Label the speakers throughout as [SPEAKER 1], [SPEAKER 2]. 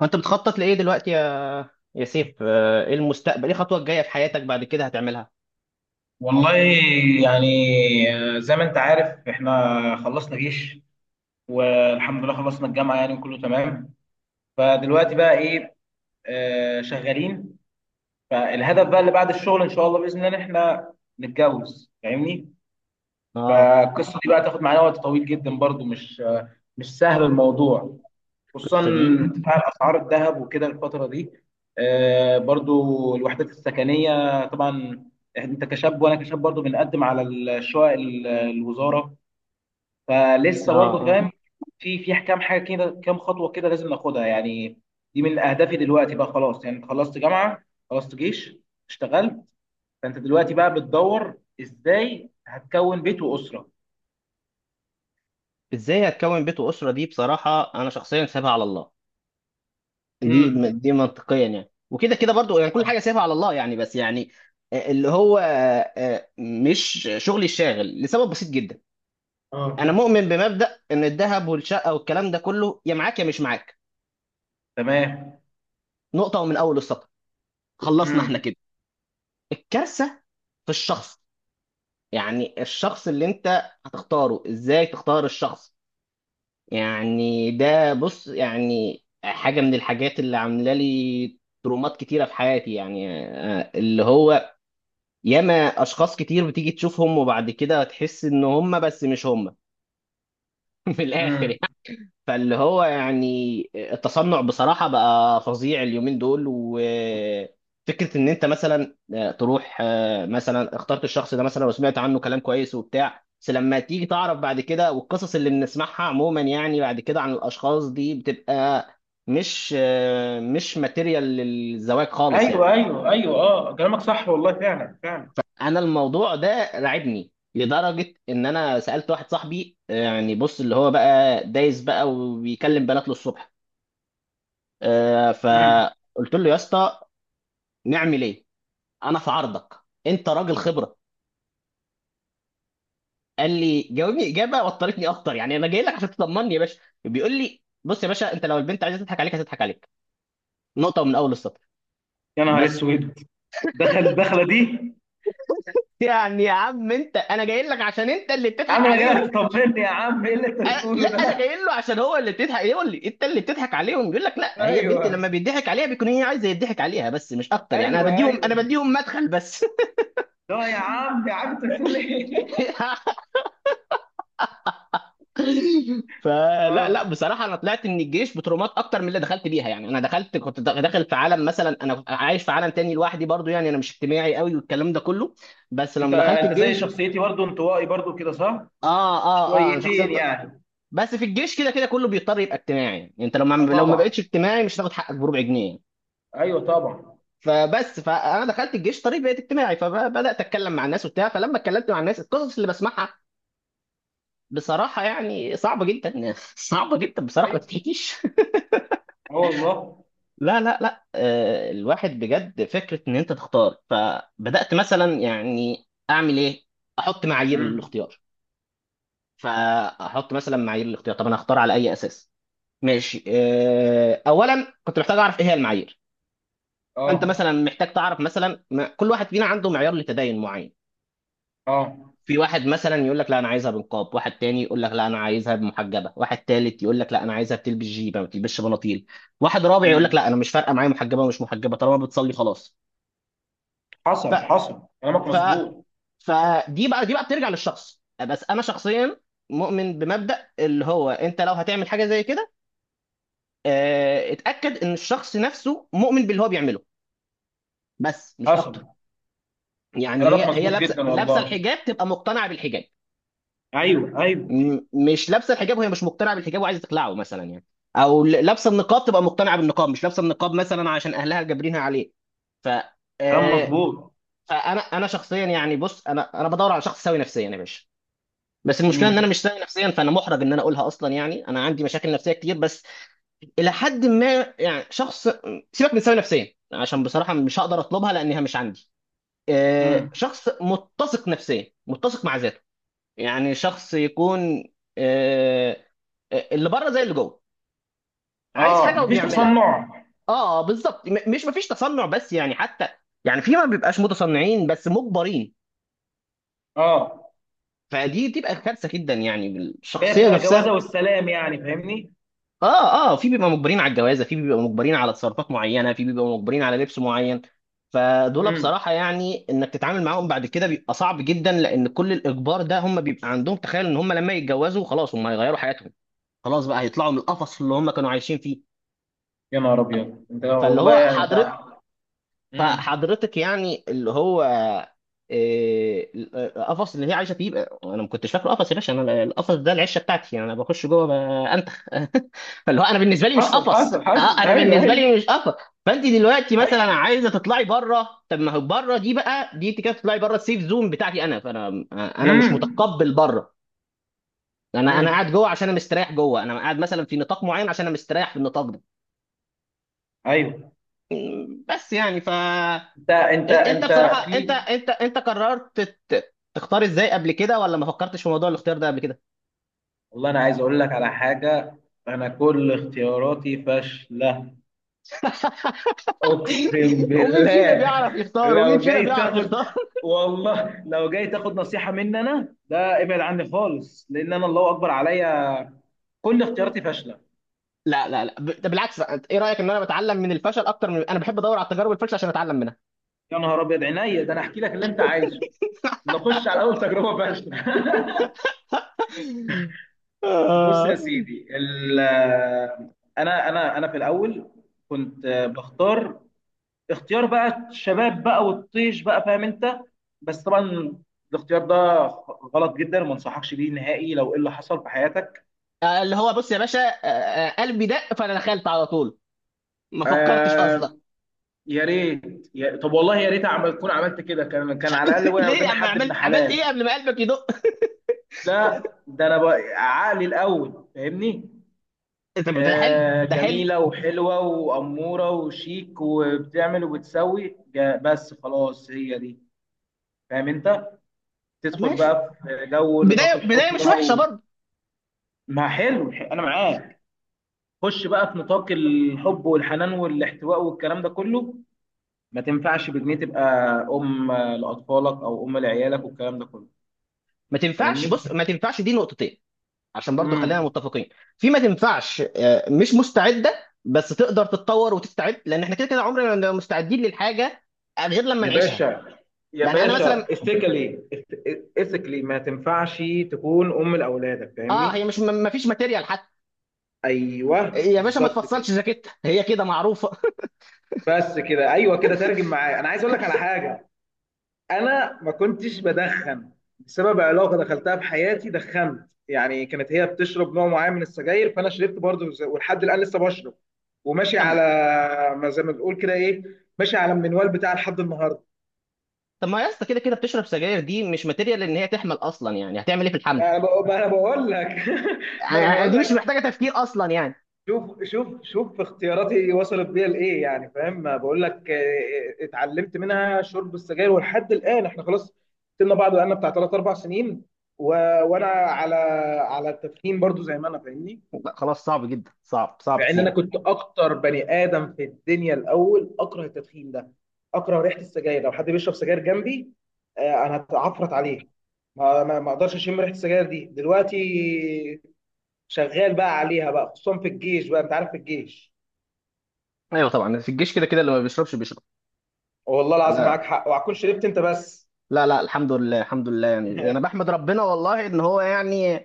[SPEAKER 1] فانت بتخطط لايه دلوقتي يا سيف؟ ايه المستقبل، ايه الخطوه الجايه في حياتك بعد كده هتعملها؟
[SPEAKER 2] والله يعني زي ما انت عارف احنا خلصنا جيش والحمد لله خلصنا الجامعة يعني وكله تمام. فدلوقتي بقى ايه؟ شغالين. فالهدف بقى اللي بعد الشغل ان شاء الله بإذن الله ان احنا نتجوز، فاهمني.
[SPEAKER 1] اه.
[SPEAKER 2] فالقصة دي بقى تاخد معانا وقت طويل جدا برضو، مش سهل الموضوع، خصوصا
[SPEAKER 1] القصه دي.
[SPEAKER 2] ارتفاع اسعار الذهب وكده الفتره دي. برضو الوحدات السكنيه طبعا، انت كشاب وانا كشاب برضو بنقدم على الشقق الوزاره،
[SPEAKER 1] اه.
[SPEAKER 2] فلسه برضو
[SPEAKER 1] اه.
[SPEAKER 2] فاهم. في كام حاجه كده، كام خطوه كده لازم ناخدها يعني. دي من اهدافي دلوقتي بقى، خلاص يعني خلصت جامعه، خلصت جيش، اشتغلت، فانت دلوقتي بقى بتدور ازاي هتكون بيت واسره.
[SPEAKER 1] ازاي هتكون بيت واسره؟ دي بصراحه انا شخصيا سايبها على الله. دي
[SPEAKER 2] امم.
[SPEAKER 1] دي منطقيا يعني، وكده كده برضو يعني، كل حاجه سايبها على الله يعني، بس يعني آه، اللي هو آه، آه، مش شغلي الشاغل لسبب بسيط جدا. انا
[SPEAKER 2] اه.
[SPEAKER 1] مؤمن بمبدا ان الذهب والشقه والكلام ده كله يا معاك يا مش معاك.
[SPEAKER 2] تمام.
[SPEAKER 1] نقطه ومن اول السطر. خلصنا احنا كده. الكارثه في الشخص، يعني الشخص اللي انت هتختاره، ازاي تختار الشخص؟ يعني ده بص، يعني حاجة من الحاجات اللي عاملة لي ترومات كتيرة في حياتي، يعني آه، اللي هو ياما اشخاص كتير بتيجي تشوفهم وبعد كده تحس ان هم بس مش هم من الاخر
[SPEAKER 2] امم.
[SPEAKER 1] يعني. فاللي هو يعني التصنع بصراحة بقى فظيع اليومين دول، وفكرة إن أنت مثلا تروح مثلا اخترت الشخص ده مثلا وسمعت عنه كلام كويس وبتاع، بس لما تيجي تعرف بعد كده، والقصص اللي بنسمعها عموما يعني بعد كده عن الأشخاص دي بتبقى مش ماتيريال للزواج خالص يعني.
[SPEAKER 2] ايوه ايوه ايوه، اه كلامك صح والله، فعلا فعلا.
[SPEAKER 1] أنا الموضوع ده رعبني لدرجة إن أنا سألت واحد صاحبي، يعني بص اللي هو بقى دايس بقى وبيكلم بنات للصبح،
[SPEAKER 2] امم.
[SPEAKER 1] فقلت له يا اسطى نعمل ايه؟ انا في عرضك، انت راجل خبره. قال لي جاوبني اجابه وطرتني اكتر، يعني انا جاي لك عشان تطمني يا باشا. بيقول لي بص يا باشا، انت لو البنت عايزه تضحك عليك هتضحك عليك. نقطه من اول السطر
[SPEAKER 2] يا نهار
[SPEAKER 1] بس.
[SPEAKER 2] اسود! دخل الدخله دي.
[SPEAKER 1] يعني يا عم انت، انا جاي لك عشان انت اللي
[SPEAKER 2] يا
[SPEAKER 1] بتضحك
[SPEAKER 2] عم انا جاي
[SPEAKER 1] عليهم.
[SPEAKER 2] لك تطمني يا عم، ايه اللي انت
[SPEAKER 1] لا
[SPEAKER 2] بتقوله
[SPEAKER 1] انا جاي
[SPEAKER 2] ده؟
[SPEAKER 1] له عشان هو اللي بتضحك، إيه يقول لي انت اللي بتضحك عليهم؟ يقول لك لا، هي البنت
[SPEAKER 2] ايوه
[SPEAKER 1] لما بيضحك عليها بيكون هي عايزه يضحك عليها، بس مش اكتر. يعني
[SPEAKER 2] ايوه
[SPEAKER 1] انا بديهم،
[SPEAKER 2] ايوه،
[SPEAKER 1] انا بديهم مدخل بس.
[SPEAKER 2] لا يا عم، يا عم انت بتقول ايه؟
[SPEAKER 1] فلا لا
[SPEAKER 2] اه.
[SPEAKER 1] بصراحه، انا طلعت من الجيش بترومات اكتر من اللي دخلت بيها. يعني انا دخلت كنت داخل في عالم، مثلا انا كنت عايش في عالم تاني لوحدي برضو، يعني انا مش اجتماعي قوي والكلام ده كله. بس
[SPEAKER 2] انت
[SPEAKER 1] لما دخلت
[SPEAKER 2] انت زي
[SPEAKER 1] الجيش،
[SPEAKER 2] شخصيتي برضو، انطوائي برضو كده صح؟
[SPEAKER 1] اه اه اه انا شخصيا
[SPEAKER 2] شويتين يعني.
[SPEAKER 1] بس في الجيش كده كده كله بيضطر يبقى اجتماعي. يعني انت لو
[SPEAKER 2] اه
[SPEAKER 1] ما لو ما بقتش
[SPEAKER 2] طبعا.
[SPEAKER 1] اجتماعي مش هتاخد حقك بربع جنيه.
[SPEAKER 2] ايوه طبعا.
[SPEAKER 1] فبس فانا دخلت الجيش طريق، بقيت اجتماعي، فبدات اتكلم مع الناس وبتاع، فلما اتكلمت مع الناس القصص اللي بسمعها بصراحه يعني صعبه جدا صعبه جدا بصراحه ما
[SPEAKER 2] ايوه
[SPEAKER 1] تتحكيش.
[SPEAKER 2] اه والله.
[SPEAKER 1] لا لا لا الواحد بجد فكرة ان انت تختار، فبدأت مثلا يعني اعمل ايه؟ احط معايير
[SPEAKER 2] امم.
[SPEAKER 1] للاختيار. فاحط مثلا معايير الاختيار، طب انا اختار على اي اساس؟ ماشي، اولا كنت محتاج اعرف ايه هي المعايير. فانت مثلا
[SPEAKER 2] اه
[SPEAKER 1] محتاج تعرف مثلا، كل واحد فينا عنده معيار لتدين معين.
[SPEAKER 2] اه.
[SPEAKER 1] في واحد مثلا يقول لك لا انا عايزها بنقاب، واحد تاني يقول لك لا انا عايزها محجبه، واحد تالت يقول لك لا انا عايزها بتلبس جيبه ما بتلبسش بناطيل، واحد رابع يقول لك
[SPEAKER 2] امم.
[SPEAKER 1] لا انا مش فارقه معايا محجبه ومش محجبه طالما بتصلي خلاص.
[SPEAKER 2] حصل حصل، كلامك
[SPEAKER 1] ف
[SPEAKER 2] مظبوط.
[SPEAKER 1] فدي بقى دي بقى بترجع للشخص، بس انا شخصيا مؤمن بمبدأ اللي هو انت لو هتعمل حاجه زي كده اتأكد ان الشخص نفسه مؤمن باللي هو بيعمله، بس مش اكتر.
[SPEAKER 2] حصل،
[SPEAKER 1] يعني
[SPEAKER 2] كلامك
[SPEAKER 1] هي
[SPEAKER 2] مظبوط
[SPEAKER 1] لابسه
[SPEAKER 2] جدا
[SPEAKER 1] لابسه
[SPEAKER 2] والله.
[SPEAKER 1] الحجاب تبقى مقتنعه بالحجاب،
[SPEAKER 2] ايوه ايوه.
[SPEAKER 1] م- مش لابسه الحجاب وهي مش مقتنعه بالحجاب وعايزه تخلعه مثلا يعني، او لابسه النقاب تبقى مقتنعه بالنقاب، مش لابسه النقاب مثلا عشان اهلها جابرينها عليه. ف
[SPEAKER 2] كلام
[SPEAKER 1] آه،
[SPEAKER 2] مظبوط.
[SPEAKER 1] فانا شخصيا يعني بص، انا بدور على شخص سوي نفسيا يا باشا. بس المشكله ان انا
[SPEAKER 2] امم.
[SPEAKER 1] مش سوي نفسيا، فانا محرج ان انا اقولها اصلا، يعني انا عندي مشاكل نفسيه كتير بس الى حد ما. يعني شخص، سيبك من سوي نفسيا عشان بصراحه مش هقدر اطلبها لانها مش عندي،
[SPEAKER 2] امم.
[SPEAKER 1] شخص متسق نفسيا، متسق مع ذاته. يعني شخص يكون آه، اللي بره زي اللي جوه، عايز
[SPEAKER 2] اه،
[SPEAKER 1] حاجه
[SPEAKER 2] مفيش
[SPEAKER 1] وبيعملها.
[SPEAKER 2] تصنع.
[SPEAKER 1] اه بالظبط، مش مفيش تصنع، بس يعني حتى يعني، في ما بيبقاش متصنعين بس مجبرين.
[SPEAKER 2] اه،
[SPEAKER 1] فدي تبقى كارثه جدا، يعني
[SPEAKER 2] اللي هي
[SPEAKER 1] الشخصيه
[SPEAKER 2] بتبقى
[SPEAKER 1] نفسها.
[SPEAKER 2] جوازه والسلام يعني، فاهمني.
[SPEAKER 1] اه اه، في بيبقى مجبرين على الجوازه، في بيبقى مجبرين على تصرفات معينه، في بيبقى مجبرين على لبس معين. فدول
[SPEAKER 2] امم.
[SPEAKER 1] بصراحه يعني انك تتعامل معاهم بعد كده بيبقى صعب جدا، لان كل الاجبار ده هم بيبقى عندهم تخيل ان هم لما يتجوزوا خلاص هم هيغيروا حياتهم، خلاص بقى هيطلعوا من القفص اللي هم كانوا عايشين فيه.
[SPEAKER 2] يا نهار ابيض، انت
[SPEAKER 1] فاللي هو
[SPEAKER 2] والله يعني انت.
[SPEAKER 1] حضرتك،
[SPEAKER 2] امم.
[SPEAKER 1] فحضرتك يعني اللي هو إيه، القفص اللي هي عايشه فيه انا ما كنتش فاكره قفص يا باشا، انا القفص ده العشه بتاعتي، يعني انا بخش جوه انتخ فاللي هو انا بالنسبه لي مش
[SPEAKER 2] حصل
[SPEAKER 1] قفص. اه
[SPEAKER 2] حصل حصل،
[SPEAKER 1] انا
[SPEAKER 2] ايوه
[SPEAKER 1] بالنسبه
[SPEAKER 2] ايوه.
[SPEAKER 1] لي مش قفص. فانت دلوقتي مثلا
[SPEAKER 2] ايوه.
[SPEAKER 1] عايزه تطلعي بره، طب ما هو بره دي بقى، دي انت كده تطلعي بره السيف زون بتاعتي انا، فانا انا مش
[SPEAKER 2] امم.
[SPEAKER 1] متقبل بره. انا انا قاعد
[SPEAKER 2] امم.
[SPEAKER 1] جوه عشان انا مستريح جوه، انا قاعد مثلا في نطاق معين عشان انا مستريح في النطاق ده.
[SPEAKER 2] ايوه.
[SPEAKER 1] بس يعني
[SPEAKER 2] انت
[SPEAKER 1] انت
[SPEAKER 2] انت انت
[SPEAKER 1] بصراحه انت
[SPEAKER 2] في
[SPEAKER 1] انت انت قررت تختار ازاي قبل كده، ولا ما فكرتش في موضوع الاختيار ده قبل كده؟
[SPEAKER 2] والله، انا عايز اقول لك على حاجه. انا كل اختياراتي فاشله. اقسم
[SPEAKER 1] ومين فينا
[SPEAKER 2] بالله.
[SPEAKER 1] بيعرف يختار، ومين
[SPEAKER 2] لو
[SPEAKER 1] فينا
[SPEAKER 2] جاي
[SPEAKER 1] بيعرف
[SPEAKER 2] تاخد،
[SPEAKER 1] يختار؟
[SPEAKER 2] والله لو جاي تاخد نصيحه مني، انا ده ابعد عني خالص لان انا الله اكبر عليا. كل اختياراتي فاشله.
[SPEAKER 1] لا لا لا ده بالعكس بقى، انت ايه رايك ان انا بتعلم من الفشل اكتر، من انا بحب ادور على تجارب الفشل عشان اتعلم منها.
[SPEAKER 2] يا نهار ابيض عينيا، ده انا احكي لك اللي انت عايزه. نخش على اول تجربه فاشله. بص يا
[SPEAKER 1] آه.
[SPEAKER 2] سيدي انا في الاول كنت بختار، اختيار بقى الشباب بقى والطيش بقى، فاهم انت؟ بس طبعا الاختيار ده غلط جدا وما انصحكش بيه نهائي، لو ايه اللي حصل في حياتك.
[SPEAKER 1] اللي هو بص يا باشا، قلبي دق فانا دخلت على طول، ما فكرتش
[SPEAKER 2] آه
[SPEAKER 1] اصلا.
[SPEAKER 2] يا ريت، يا طب والله يا ريت اعمل، تكون عملت كده، كان على الاقل وقع
[SPEAKER 1] ليه يا
[SPEAKER 2] قدامي
[SPEAKER 1] عم
[SPEAKER 2] حد ابن
[SPEAKER 1] عملت، عملت ايه
[SPEAKER 2] حلال.
[SPEAKER 1] قبل ما قلبك يدق؟
[SPEAKER 2] لا، ده انا بقى عقلي الاول، فاهمني.
[SPEAKER 1] طب ده حلو. ده حلو.
[SPEAKER 2] جميله وحلوه واموره وشيك وبتعمل وبتسوي بس خلاص هي دي، فاهم انت؟
[SPEAKER 1] طب
[SPEAKER 2] تدخل
[SPEAKER 1] ماشي،
[SPEAKER 2] بقى في جو نطاق
[SPEAKER 1] بدايه
[SPEAKER 2] الحب
[SPEAKER 1] بدايه مش
[SPEAKER 2] بقى.
[SPEAKER 1] وحشه.
[SPEAKER 2] ما حلو انا معاك. خش بقى في نطاق الحب والحنان والاحتواء والكلام ده كله. ما تنفعش بجنيه تبقى ام لاطفالك او ام لعيالك والكلام ده كله،
[SPEAKER 1] ما تنفعش،
[SPEAKER 2] فاهمني.
[SPEAKER 1] بص ما تنفعش دي نقطتين، عشان برضو خلينا
[SPEAKER 2] امم.
[SPEAKER 1] متفقين. في ما تنفعش مش مستعده بس تقدر تتطور وتستعد، لان احنا كده كده عمرنا ما مستعدين للحاجه غير لما
[SPEAKER 2] يا
[SPEAKER 1] نعيشها.
[SPEAKER 2] باشا، يا
[SPEAKER 1] يعني انا
[SPEAKER 2] باشا
[SPEAKER 1] مثلا
[SPEAKER 2] ethically ما تنفعش تكون ام لاولادك،
[SPEAKER 1] اه هي
[SPEAKER 2] فاهمني.
[SPEAKER 1] مش، ما فيش ماتيريال حتى
[SPEAKER 2] ايوه
[SPEAKER 1] يا باشا، ما
[SPEAKER 2] بالظبط كده.
[SPEAKER 1] تفصلش جاكيتها هي كده معروفه.
[SPEAKER 2] بس كده ايوه كده، ترجم معايا. انا عايز اقول لك على حاجه. انا ما كنتش بدخن، بسبب علاقه دخلتها بحياتي دخنت يعني. كانت هي بتشرب نوع معين من السجاير، فانا شربت برضه زي- ولحد الان لسه بشرب وماشي
[SPEAKER 1] طب
[SPEAKER 2] على، ما زي ما بنقول كده ايه، ماشي على المنوال بتاع لحد النهارده.
[SPEAKER 1] طب ما يا اسطى كده كده بتشرب سجاير، دي مش ماتيريال ان هي تحمل اصلا، يعني هتعمل ايه في الحمل؟
[SPEAKER 2] ما أنا بقول لك.
[SPEAKER 1] آه،
[SPEAKER 2] ما انا بقول،
[SPEAKER 1] دي مش محتاجه تفكير اصلا يعني.
[SPEAKER 2] شوف شوف شوف اختياراتي وصلت بيا لايه يعني، فاهم ما بقول لك؟ اتعلمت منها شرب السجاير. ولحد الان احنا خلاص سيبنا بعض بقالنا بتاع ثلاث اربع سنين، و... وانا على، على التدخين برضو زي ما انا، فاهمني.
[SPEAKER 1] لا، خلاص صعب جدا، صعب صعب
[SPEAKER 2] مع ان انا
[SPEAKER 1] تسيبه.
[SPEAKER 2] كنت اكتر بني ادم في الدنيا الاول اكره التدخين ده، اكره ريحه السجاير لو حد بيشرب سجاير جنبي، انا هتعفرت عليه. ما اقدرش اشم ريحه السجاير دي دلوقتي. شغال بقى عليها بقى، خصوصا في الجيش بقى، انت عارف في الجيش.
[SPEAKER 1] ايوه طبعا، في الجيش كده كده اللي ما بيشربش بيشرب.
[SPEAKER 2] والله العظيم
[SPEAKER 1] انا
[SPEAKER 2] معاك حق، وهتكون شربت انت بس.
[SPEAKER 1] لا لا الحمد لله، الحمد لله، يعني انا بحمد ربنا والله ان هو يعني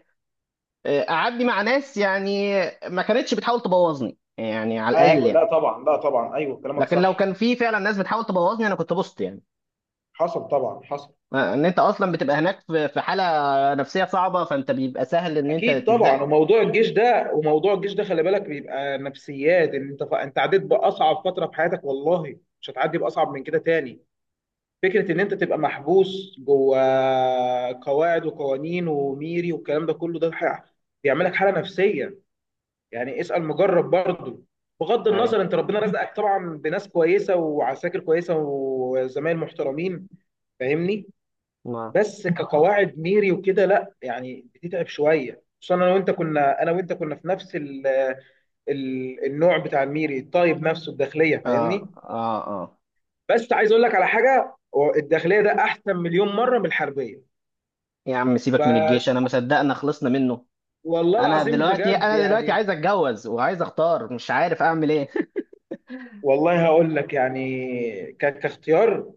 [SPEAKER 1] قعدني مع ناس يعني، ما كانتش بتحاول تبوظني، يعني على الاقل
[SPEAKER 2] ايوه
[SPEAKER 1] يعني.
[SPEAKER 2] لا طبعا، لا طبعا ايوه كلامك
[SPEAKER 1] لكن لو
[SPEAKER 2] صح.
[SPEAKER 1] كان في فعلا ناس بتحاول تبوظني انا كنت بوظت يعني.
[SPEAKER 2] حصل طبعا حصل.
[SPEAKER 1] ان انت اصلا بتبقى هناك في حاله نفسيه صعبه، فانت بيبقى سهل ان انت
[SPEAKER 2] اكيد
[SPEAKER 1] تتزق.
[SPEAKER 2] طبعا، وموضوع الجيش ده خلي بالك بيبقى نفسيات، ان انت انت عديت باصعب فتره في حياتك والله، مش هتعدي باصعب من كده تاني. فكره ان انت تبقى محبوس جوه قواعد وقوانين وميري والكلام ده كله ده بيعملك حاله نفسيه. يعني اسأل مجرب برضه. بغض
[SPEAKER 1] ايوه
[SPEAKER 2] النظر، انت ربنا رزقك طبعا بناس كويسه وعساكر كويسه وزمايل محترمين، فاهمني.
[SPEAKER 1] ما،
[SPEAKER 2] بس كقواعد ميري وكده لا يعني بتتعب شويه، خصوصا انا وانت كنا في نفس ال النوع بتاع الميري، الطيب نفسه الداخليه،
[SPEAKER 1] اه
[SPEAKER 2] فاهمني.
[SPEAKER 1] اه اه،
[SPEAKER 2] بس عايز اقول لك على حاجه، هو الداخليه ده احسن مليون مره من الحربيه.
[SPEAKER 1] يا عم سيبك من
[SPEAKER 2] ب-
[SPEAKER 1] الجيش انا ما صدقنا خلصنا منه.
[SPEAKER 2] والله
[SPEAKER 1] انا
[SPEAKER 2] العظيم
[SPEAKER 1] دلوقتي،
[SPEAKER 2] بجد
[SPEAKER 1] انا دلوقتي
[SPEAKER 2] يعني.
[SPEAKER 1] عايز اتجوز وعايز اختار مش عارف اعمل ايه.
[SPEAKER 2] والله هقول لك يعني، كاختيار،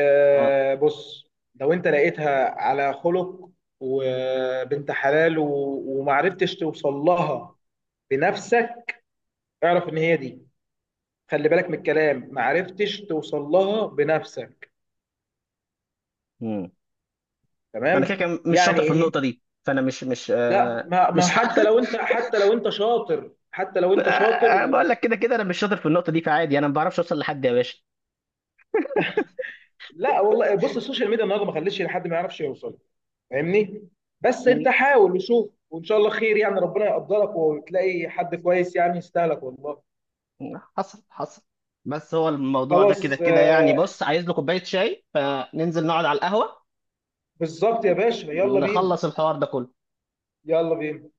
[SPEAKER 1] اه
[SPEAKER 2] بص، لو انت لقيتها على خلق وبنت حلال ومعرفتش توصل لها بنفسك، اعرف ان هي دي. خلي بالك من الكلام، معرفتش توصل لها بنفسك،
[SPEAKER 1] انا كده
[SPEAKER 2] تمام
[SPEAKER 1] كده مش
[SPEAKER 2] يعني
[SPEAKER 1] شاطر في
[SPEAKER 2] ايه.
[SPEAKER 1] النقطه دي، فانا مش
[SPEAKER 2] لا ما ما
[SPEAKER 1] مش
[SPEAKER 2] حتى لو انت شاطر
[SPEAKER 1] أنا بقول لك كده كده انا مش شاطر في النقطه دي، فعادي انا ما بعرفش اوصل لحد يا باشا.
[SPEAKER 2] لا والله بص، السوشيال ميديا النهارده ما خلتش حد ما يعرفش يوصل، فاهمني. بس انت حاول وشوف وان شاء الله خير يعني، ربنا يقدرك وتلاقي حد كويس يعني يستاهلك والله.
[SPEAKER 1] حصل حصل. بس هو الموضوع ده كده
[SPEAKER 2] خلاص
[SPEAKER 1] كده يعني، بص عايز له كوبايه شاي، فننزل نقعد على القهوه
[SPEAKER 2] بالظبط يا باشا يلا بينا.
[SPEAKER 1] نخلص الحوار ده كله.
[SPEAKER 2] يلا بينا.